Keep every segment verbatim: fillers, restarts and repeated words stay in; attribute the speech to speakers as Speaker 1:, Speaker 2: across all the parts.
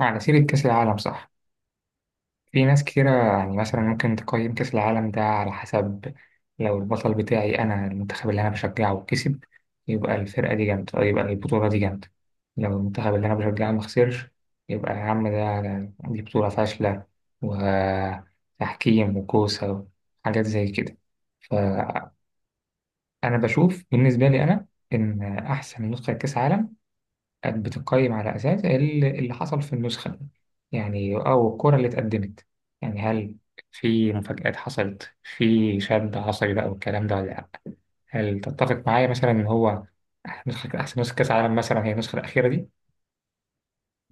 Speaker 1: على سيرة كأس العالم، صح؟ في ناس كتيرة، يعني مثلا ممكن تقيم كأس العالم ده على حسب. لو البطل بتاعي أنا المنتخب اللي أنا بشجعه كسب، يبقى الفرقة دي جامدة أو يبقى البطولة دي جامدة. لو المنتخب اللي أنا بشجعه مخسرش، يبقى يا عم ده دي بطولة فاشلة، وتحكيم وكوسة وحاجات زي كده. فأنا بشوف بالنسبة لي أنا إن أحسن نسخة كأس عالم كانت بتقيم على أساس ال- اللي حصل في النسخة دي، يعني أو الكرة اللي اتقدمت. يعني هل في مفاجآت حصلت، في شد عصبي بقى والكلام ده ولا لأ؟ هل تتفق معايا مثلا إن هو نسخة أحسن نسخة كأس عالم مثلا هي النسخة الأخيرة دي؟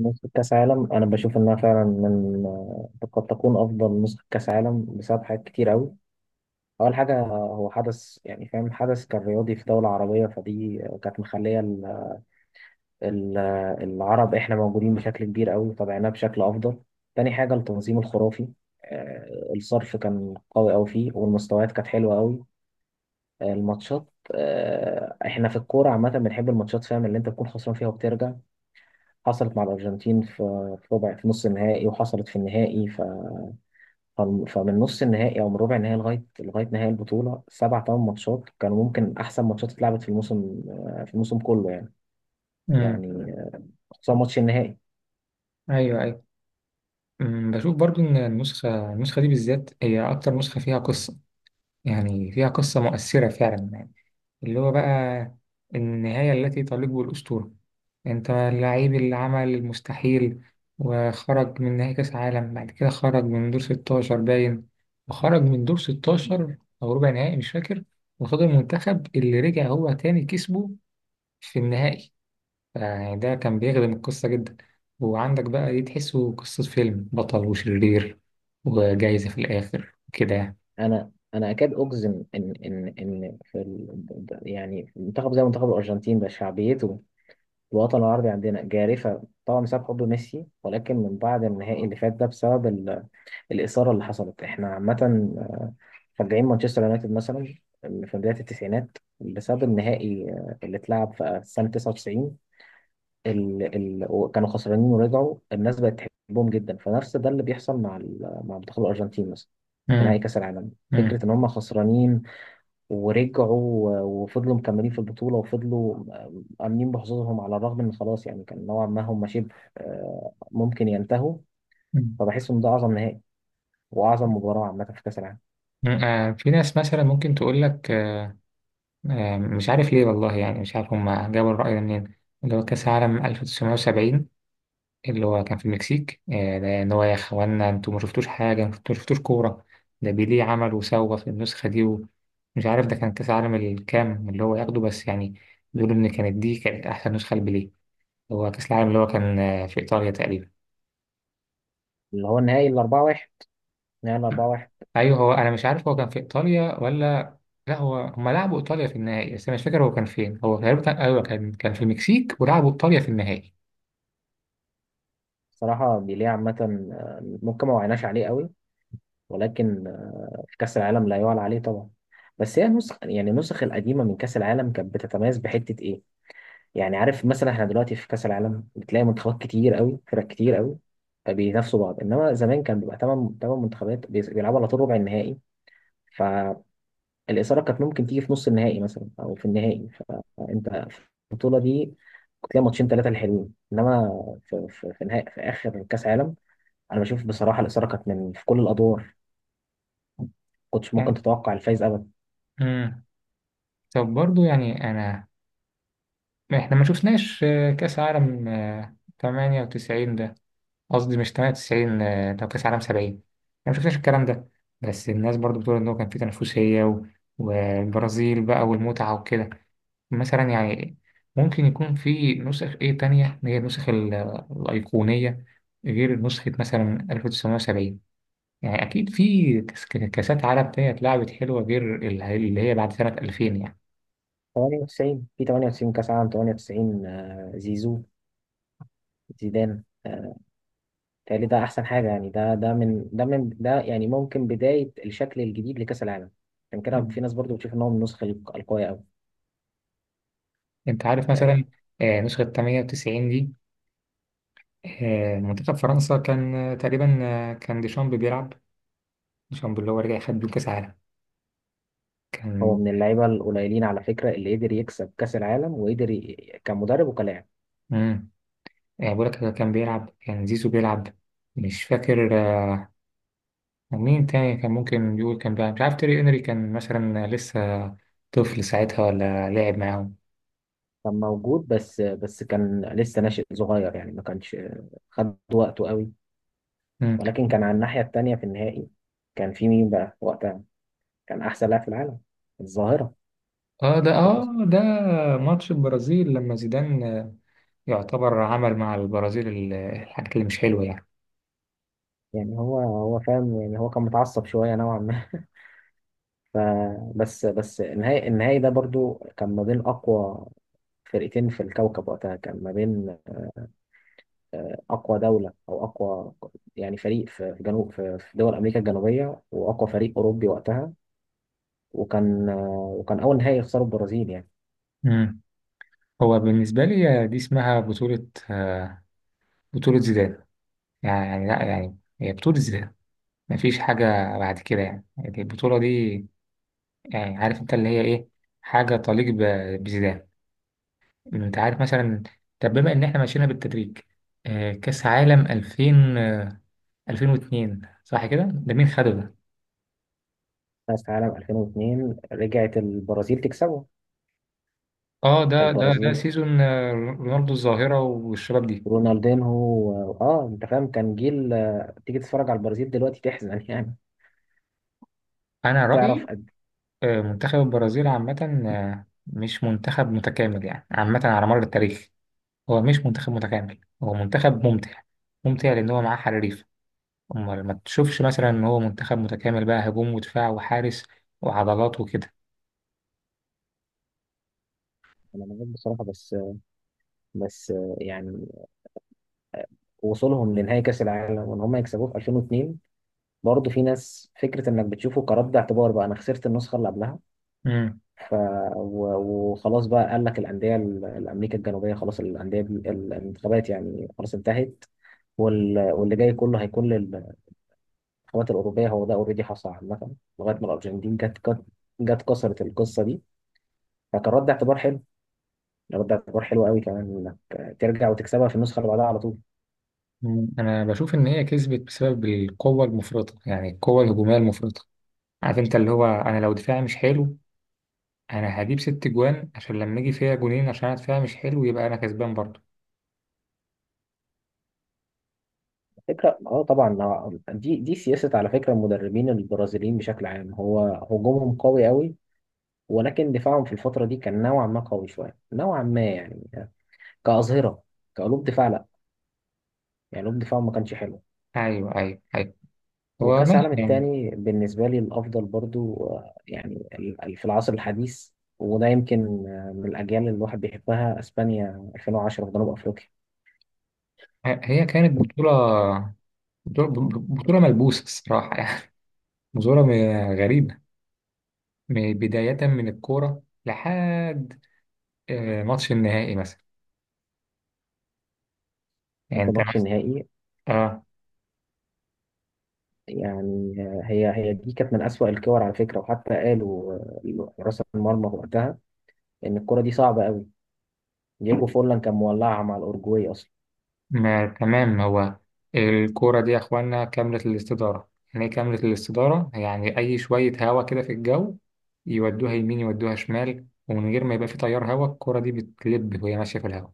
Speaker 2: نسخة كأس عالم أنا بشوف إنها فعلا من قد تكون أفضل نسخة كأس عالم بسبب حاجات كتير أوي. أول حاجة هو حدث، يعني فاهم، حدث كان رياضي في دولة عربية، فدي كانت مخلية ال- ال- العرب، إحنا موجودين بشكل كبير أوي، تابعناه بشكل أفضل. تاني حاجة التنظيم الخرافي. آه، الصرف كان قوي أوي فيه، والمستويات كانت حلوة أوي. آه، الماتشات آه، إحنا في الكورة عامة بنحب الماتشات، فاهم، اللي أنت تكون خسران فيها وبترجع. حصلت مع الأرجنتين في في ربع في نص النهائي، وحصلت في النهائي. ف... فالم- فمن نص النهائي أو من ربع النهائي، لغاية لغاية نهائي البطولة، سبع ثمان ماتشات كانوا ممكن أحسن ماتشات اتلعبت في الموسم، آه، في الموسم كله، يعني
Speaker 1: امم
Speaker 2: يعني آه، خصوصا ماتش النهائي.
Speaker 1: أيوه، أيوه. أمم، بشوف برضو إن النسخة النسخة دي بالذات هي أكتر نسخة فيها قصة. يعني فيها قصة مؤثرة فعلا، اللي هو بقى النهاية التي تليق بالأسطورة. أنت اللعيب اللي عمل المستحيل، وخرج من نهائي كأس عالم، بعد كده خرج من دور ستاشر باين، وخرج من دور ستة عشر أو ربع نهائي مش فاكر، وقصاد المنتخب اللي رجع هو تاني كسبه في النهائي. يعني ده كان بيخدم القصة جدا، وعندك بقى دي تحسه قصة فيلم بطل وشرير وجايزة في الآخر كده يعني.
Speaker 2: أنا أنا أكاد أجزم إن إن إن في ال... يعني في منتخب زي منتخب الأرجنتين ده، شعبيته في الوطن العربي عندنا جارفة طبعا بسبب حب ميسي، ولكن من بعد النهائي اللي فات ده، بسبب الإثارة اللي حصلت. إحنا عامة آه، مشجعين مانشستر يونايتد مثلا في بداية التسعينات، بسبب النهائي آه، اللي اتلعب في سنة تسعة وتسعين، ال... ال... وكانوا خسرانين ورجعوا، الناس بقت تحبهم جدا. فنفس ده اللي بيحصل مع ال... مع منتخب الأرجنتين مثلا في
Speaker 1: مم.
Speaker 2: نهائي كأس العالم.
Speaker 1: مم.
Speaker 2: فكرة إن هم خسرانين ورجعوا و- وفضلوا مكملين في البطولة، وفضلوا آه، آمنين بحظوظهم، على الرغم إن خلاص يعني كان نوعا ما هم شبه آه، ممكن ينتهوا.
Speaker 1: مم.
Speaker 2: فبحس إن ده أعظم نهائي وأعظم مباراة عامة في كأس العالم.
Speaker 1: آه، في ناس مثلا ممكن تقول لك، آه، مش عارف ليه والله، يعني مش عارف هما جابوا الرأي ده منين، اللي هو كأس العالم ألف تسعمية سبعين اللي هو كان في المكسيك. آه، ده إن هو يا إخوانا أنتوا ما شفتوش حاجة، أنتوا ما شفتوش كورة، ده بيليه عمل وسوى في النسخة دي، ومش عارف ده كان كأس العالم الكام اللي هو ياخده بس، يعني بيقولوا إن كانت دي كانت أحسن نسخة لبيليه. هو كأس العالم اللي هو كان آه، في إيطاليا تقريبا.
Speaker 2: اللي هو النهائي الأربعة واحد، نهائي الأربعة واحد.
Speaker 1: أيوه، هو أنا مش عارف هو كان في إيطاليا ولا. لا، هو هما لعبوا إيطاليا في النهائي، بس أنا مش فاكر هو كان فين. هو تقريبا أيوه كان كان في المكسيك ولعبوا إيطاليا في النهائي.
Speaker 2: صراحة بيليه عامة آه، ممكن ما وعناش عليه قوي، ولكن آه، في كأس العالم لا يعلى عليه طبعا. بس هي النسخ، يعني النسخ القديمة من كأس العالم كانت بتتميز بحتة إيه؟ يعني عارف مثلا، إحنا دلوقتي في كأس العالم بتلاقي منتخبات كتير قوي، فرق كتير قوي بينافسوا بعض، إنما زمان كان بيبقى تمن، تمن منتخبات بيس- بيلعبوا على طول ربع النهائي. ف الإثارة كانت ممكن تيجي في نص النهائي مثلا أو في النهائي. فأنت في البطولة دي كنت تلاقي ماتشين، ثلاثة الحلوين، إنما في, في, في, نهاية، في آخر كأس عالم، أنا بشوف بصراحة الإثارة كانت من في كل الأدوار، ما كنتش ممكن
Speaker 1: آه،
Speaker 2: تتوقع الفايز أبدا.
Speaker 1: مم. طب برضو يعني أنا إحنا ما شفناش آه، كأس عالم آه، تمانية وتسعين ده، قصدي مش ثمانية وتسعين، آه، ده كأس عالم سبعين، إحنا ما شفناش الكلام ده. بس الناس برضو بتقول إن هو كان فيه تنافسية و- والبرازيل بقى والمتعة وكده، مثلا يعني ممكن يكون في نسخ إيه تانية، هي النسخ ال- الأيقونية غير نسخة مثلا ألف وتسعمية وسبعين. يعني أكيد في كاس- كاسات عالم تانية اتلعبت حلوة غير اللي هي بعد سنة ألفين.
Speaker 2: تمانية وتسعين، في تمانية وتسعين، كأس عالم تمانية وتسعين، آه، زيزو، زيدان، آه، تهيألي ده أحسن حاجة، يعني ده ده من ده من ده يعني ممكن بداية الشكل الجديد لكأس العالم. عشان كده
Speaker 1: يعني
Speaker 2: في ناس برضو بتشوف إن هو من النسخة القوية أوي.
Speaker 1: انت عارف
Speaker 2: آه،
Speaker 1: مثلا آه، نسخة تمانية وتسعين دي، آه، منتخب فرنسا كان آه، تقريبا آه، كان ديشامب بيلعب. ديشامب اللي هو رجع خد بيه كأس عالم،
Speaker 2: هو
Speaker 1: كان.
Speaker 2: من اللعيبه القليلين على فكره اللي قدر يكسب كاس العالم وقدر ي- كمدرب وكلاعب.
Speaker 1: امم بقول لك كان بيلعب، كان زيزو بيلعب، مش فاكر آه، مين تاني كان ممكن يقول كان بيلعب. مش عارف تيري انري كان مثلا لسه طفل ساعتها، ولا لعب معاهم.
Speaker 2: كان موجود، بس بس كان لسه ناشئ صغير، يعني ما كانش خد وقته قوي.
Speaker 1: مم.
Speaker 2: ولكن كان على الناحيه التانيه في النهائي كان في مين بقى وقتها، كان احسن لاعب في العالم، الظاهره.
Speaker 1: اه، ده
Speaker 2: فاهم
Speaker 1: اه،
Speaker 2: قصدي؟
Speaker 1: ده ماتش البرازيل لما زيدان آه، يعتبر عمل مع البرازيل ال- الحاجات اللي مش حلوة يعني.
Speaker 2: يعني هو هو فاهم، يعني هو كان متعصب شويه نوعا ما. فبس بس النهائي النهائي ده برضو كان ما بين اقوى فرقتين في الكوكب وقتها، كان ما بين اقوى دوله او اقوى، يعني فريق في في جنوب في في دول امريكا الجنوبيه، واقوى فريق اوروبي وقتها. وكان آه، وكان اول نهائي يخسره البرازيل، يعني.
Speaker 1: مم. هو بالنسبة لي دي اسمها بطولة، آه، بطولة زيدان. يعني يعني لا، يعني هي بطولة زيدان مفيش حاجة بعد كده، يعني يعني البطولة دي، يعني عارف انت اللي هي ايه، حاجة تليق ب- بزيدان. انت عارف مثلا، طب بما ان احنا ماشيينها بالتدريج، آه، كأس عالم ألفين، آه، ألفين واتنين صح كده، ده مين خده ده؟
Speaker 2: كاس العالم ألفين واثنين رجعت البرازيل تكسبه،
Speaker 1: اه، ده ده ده
Speaker 2: البرازيل،
Speaker 1: سيزون آه، رونالدو الظاهرة والشباب دي.
Speaker 2: رونالدينهو، و- اه انت فاهم كان جيل. آه، تيجي تتفرج على البرازيل دلوقتي تحزن، يعني،
Speaker 1: انا
Speaker 2: تعرف
Speaker 1: رأيي
Speaker 2: قد
Speaker 1: آه، منتخب البرازيل عامة آه، مش منتخب متكامل يعني، عامة على مر التاريخ. هو مش منتخب متكامل، هو منتخب ممتع، ممتع لأن هو معاه حريف. أمال ما تشوفش مثلا إن هو منتخب متكامل بقى، هجوم ودفاع وحارس وعضلات وكده.
Speaker 2: إيه. انا معاك بصراحه، بس بس آه، يعني وصولهم لنهائي كاس العالم وان هم يكسبوه في ألفين واثنين، برضه في ناس فكره انك بتشوفه كرد اعتبار، بقى انا خسرت النسخه اللي قبلها.
Speaker 1: مم.
Speaker 2: ف و- وخلاص بقى، قال لك الأندية ال- الأمريكا الجنوبية خلاص، الأندية دي- الانتخابات يعني خلاص انتهت، وال... واللي جاي كله هيكون للانتخابات الأوروبية. هو ده أوريدي حصل عامة لغاية ما الأرجنتين جت، جت جت كسرت القصة دي. فكان رد اعتبار حلو، يعني رد اعتبار حلو قوي كمان، إنك ترجع وتكسبها في النسخة اللي بعدها على طول.
Speaker 1: مم. أنا بشوف إن هي كسبت بسبب القوة المفرطة، يعني القوة الهجومية المفرطة. عارف أنت اللي هو، أنا لو دفاعي مش حلو، أنا هجيب ست جوان عشان لما يجي فيها جونين، عشان أنا دفاعي مش حلو يبقى أنا كسبان برضه.
Speaker 2: فكرة، اه طبعا، آه، دي دي سياسة على فكرة المدربين البرازيليين بشكل عام. هو هجومهم قوي قوي، ولكن دفاعهم في الفترة دي كان نوعا ما قوي شوية نوعا ما، يعني كأظهرة، كقلوب دفاع لا، يعني قلوب دفاع ما كانش حلو.
Speaker 1: أيوه، أيوه، أيوه. هو
Speaker 2: وكأس
Speaker 1: ماشي
Speaker 2: العالم
Speaker 1: يعني.
Speaker 2: التاني بالنسبة لي الأفضل برضو، آه، يعني ال- ال- في العصر الحديث. وده يمكن آه، من الأجيال اللي الواحد بيحبها، أسبانيا ألفين وعشرة في جنوب أفريقيا.
Speaker 1: هي كانت بطولة بطولة بطولة ملبوسة الصراحة يعني بطولة م- غريبة، م- بداية من الكورة لحد آه، ماتش النهائي مثلا، يعني
Speaker 2: حتى
Speaker 1: انت
Speaker 2: ماتش
Speaker 1: مثلا.
Speaker 2: النهائي،
Speaker 1: اه،
Speaker 2: يعني آه، هي هي دي كانت من أسوأ الكور على فكرة، وحتى قالوا آه، حراس المرمى وقتها إن الكرة دي صعبة قوي. دييجو فورلان كان مولعها مع الأورجواي أصلا.
Speaker 1: ما تمام. هو الكورة دي يا اخوانا كاملة الاستدارة. يعني ايه كاملة الاستدارة؟ يعني اي شوية هوا كده في الجو، يودوها يمين يودوها شمال، ومن غير ما يبقى في تيار هوا الكورة دي بتلب وهي ماشية في الهوا.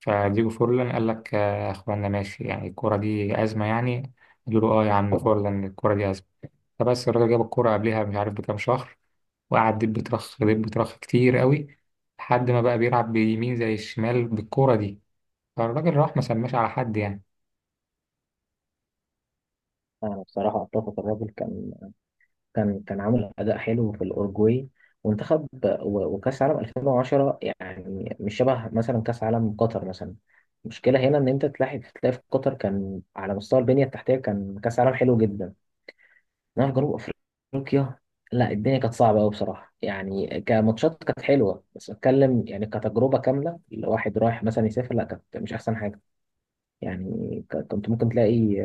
Speaker 1: فديجو فورلان قال لك، آه، يا اخوانا ماشي، يعني الكرة دي أزمة يعني. قالوا له اه يا عم فورلان الكرة دي أزمة. فبس الراجل جاب الكرة قبلها مش عارف بكام شهر، وقعد دب ترخ دب ترخ كتير قوي، لحد ما بقى بيلعب بيمين زي الشمال بالكرة دي، فالراجل راح ما سماش على حد يعني.
Speaker 2: أنا بصراحة أتفق، الراجل كان كان كان عامل اداء حلو في الاورجواي وانتخب. و- وكاس عالم ألفين وعشرة يعني مش شبه مثلا كاس عالم قطر مثلا. المشكله هنا ان انت تلاحظ، تلاقي في قطر كان على مستوى البنيه التحتيه كان كاس عالم حلو جدا، انما في جنوب افريقيا لا، الدنيا كانت صعبه قوي بصراحه، يعني كماتشات كانت حلوه، بس اتكلم يعني كتجربه كامله الواحد رايح مثلا يسافر، لا كانت مش احسن حاجه، يعني ك- كنت ممكن تلاقي،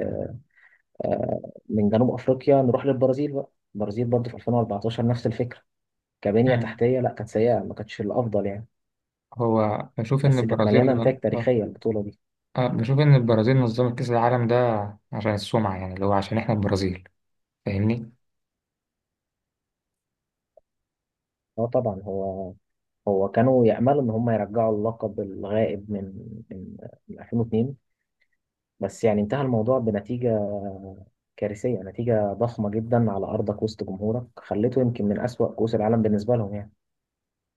Speaker 2: آه، من جنوب افريقيا نروح للبرازيل بقى. البرازيل برضه في ألفين وأربعتاشر نفس الفكره، كبنية
Speaker 1: مم.
Speaker 2: تحتية لا كانت سيئة ما كانتش الأفضل يعني.
Speaker 1: هو بشوف ان
Speaker 2: بس كانت مليانة
Speaker 1: البرازيل
Speaker 2: نتائج
Speaker 1: آه،
Speaker 2: تاريخية البطولة دي.
Speaker 1: آه، بشوف ان البرازيل نظمت كأس العالم ده عشان السمعة، يعني اللي هو عشان احنا البرازيل، فاهمني؟
Speaker 2: اه طبعا، هو هو كانوا يأملوا إن هم يرجعوا اللقب الغائب من من من ألفين واثنين، بس يعني انتهى الموضوع بنتيجة كارثية، نتيجة ضخمة جدا على أرضك وسط جمهورك، خليته يمكن من أسوأ كؤوس العالم بالنسبة لهم، يعني.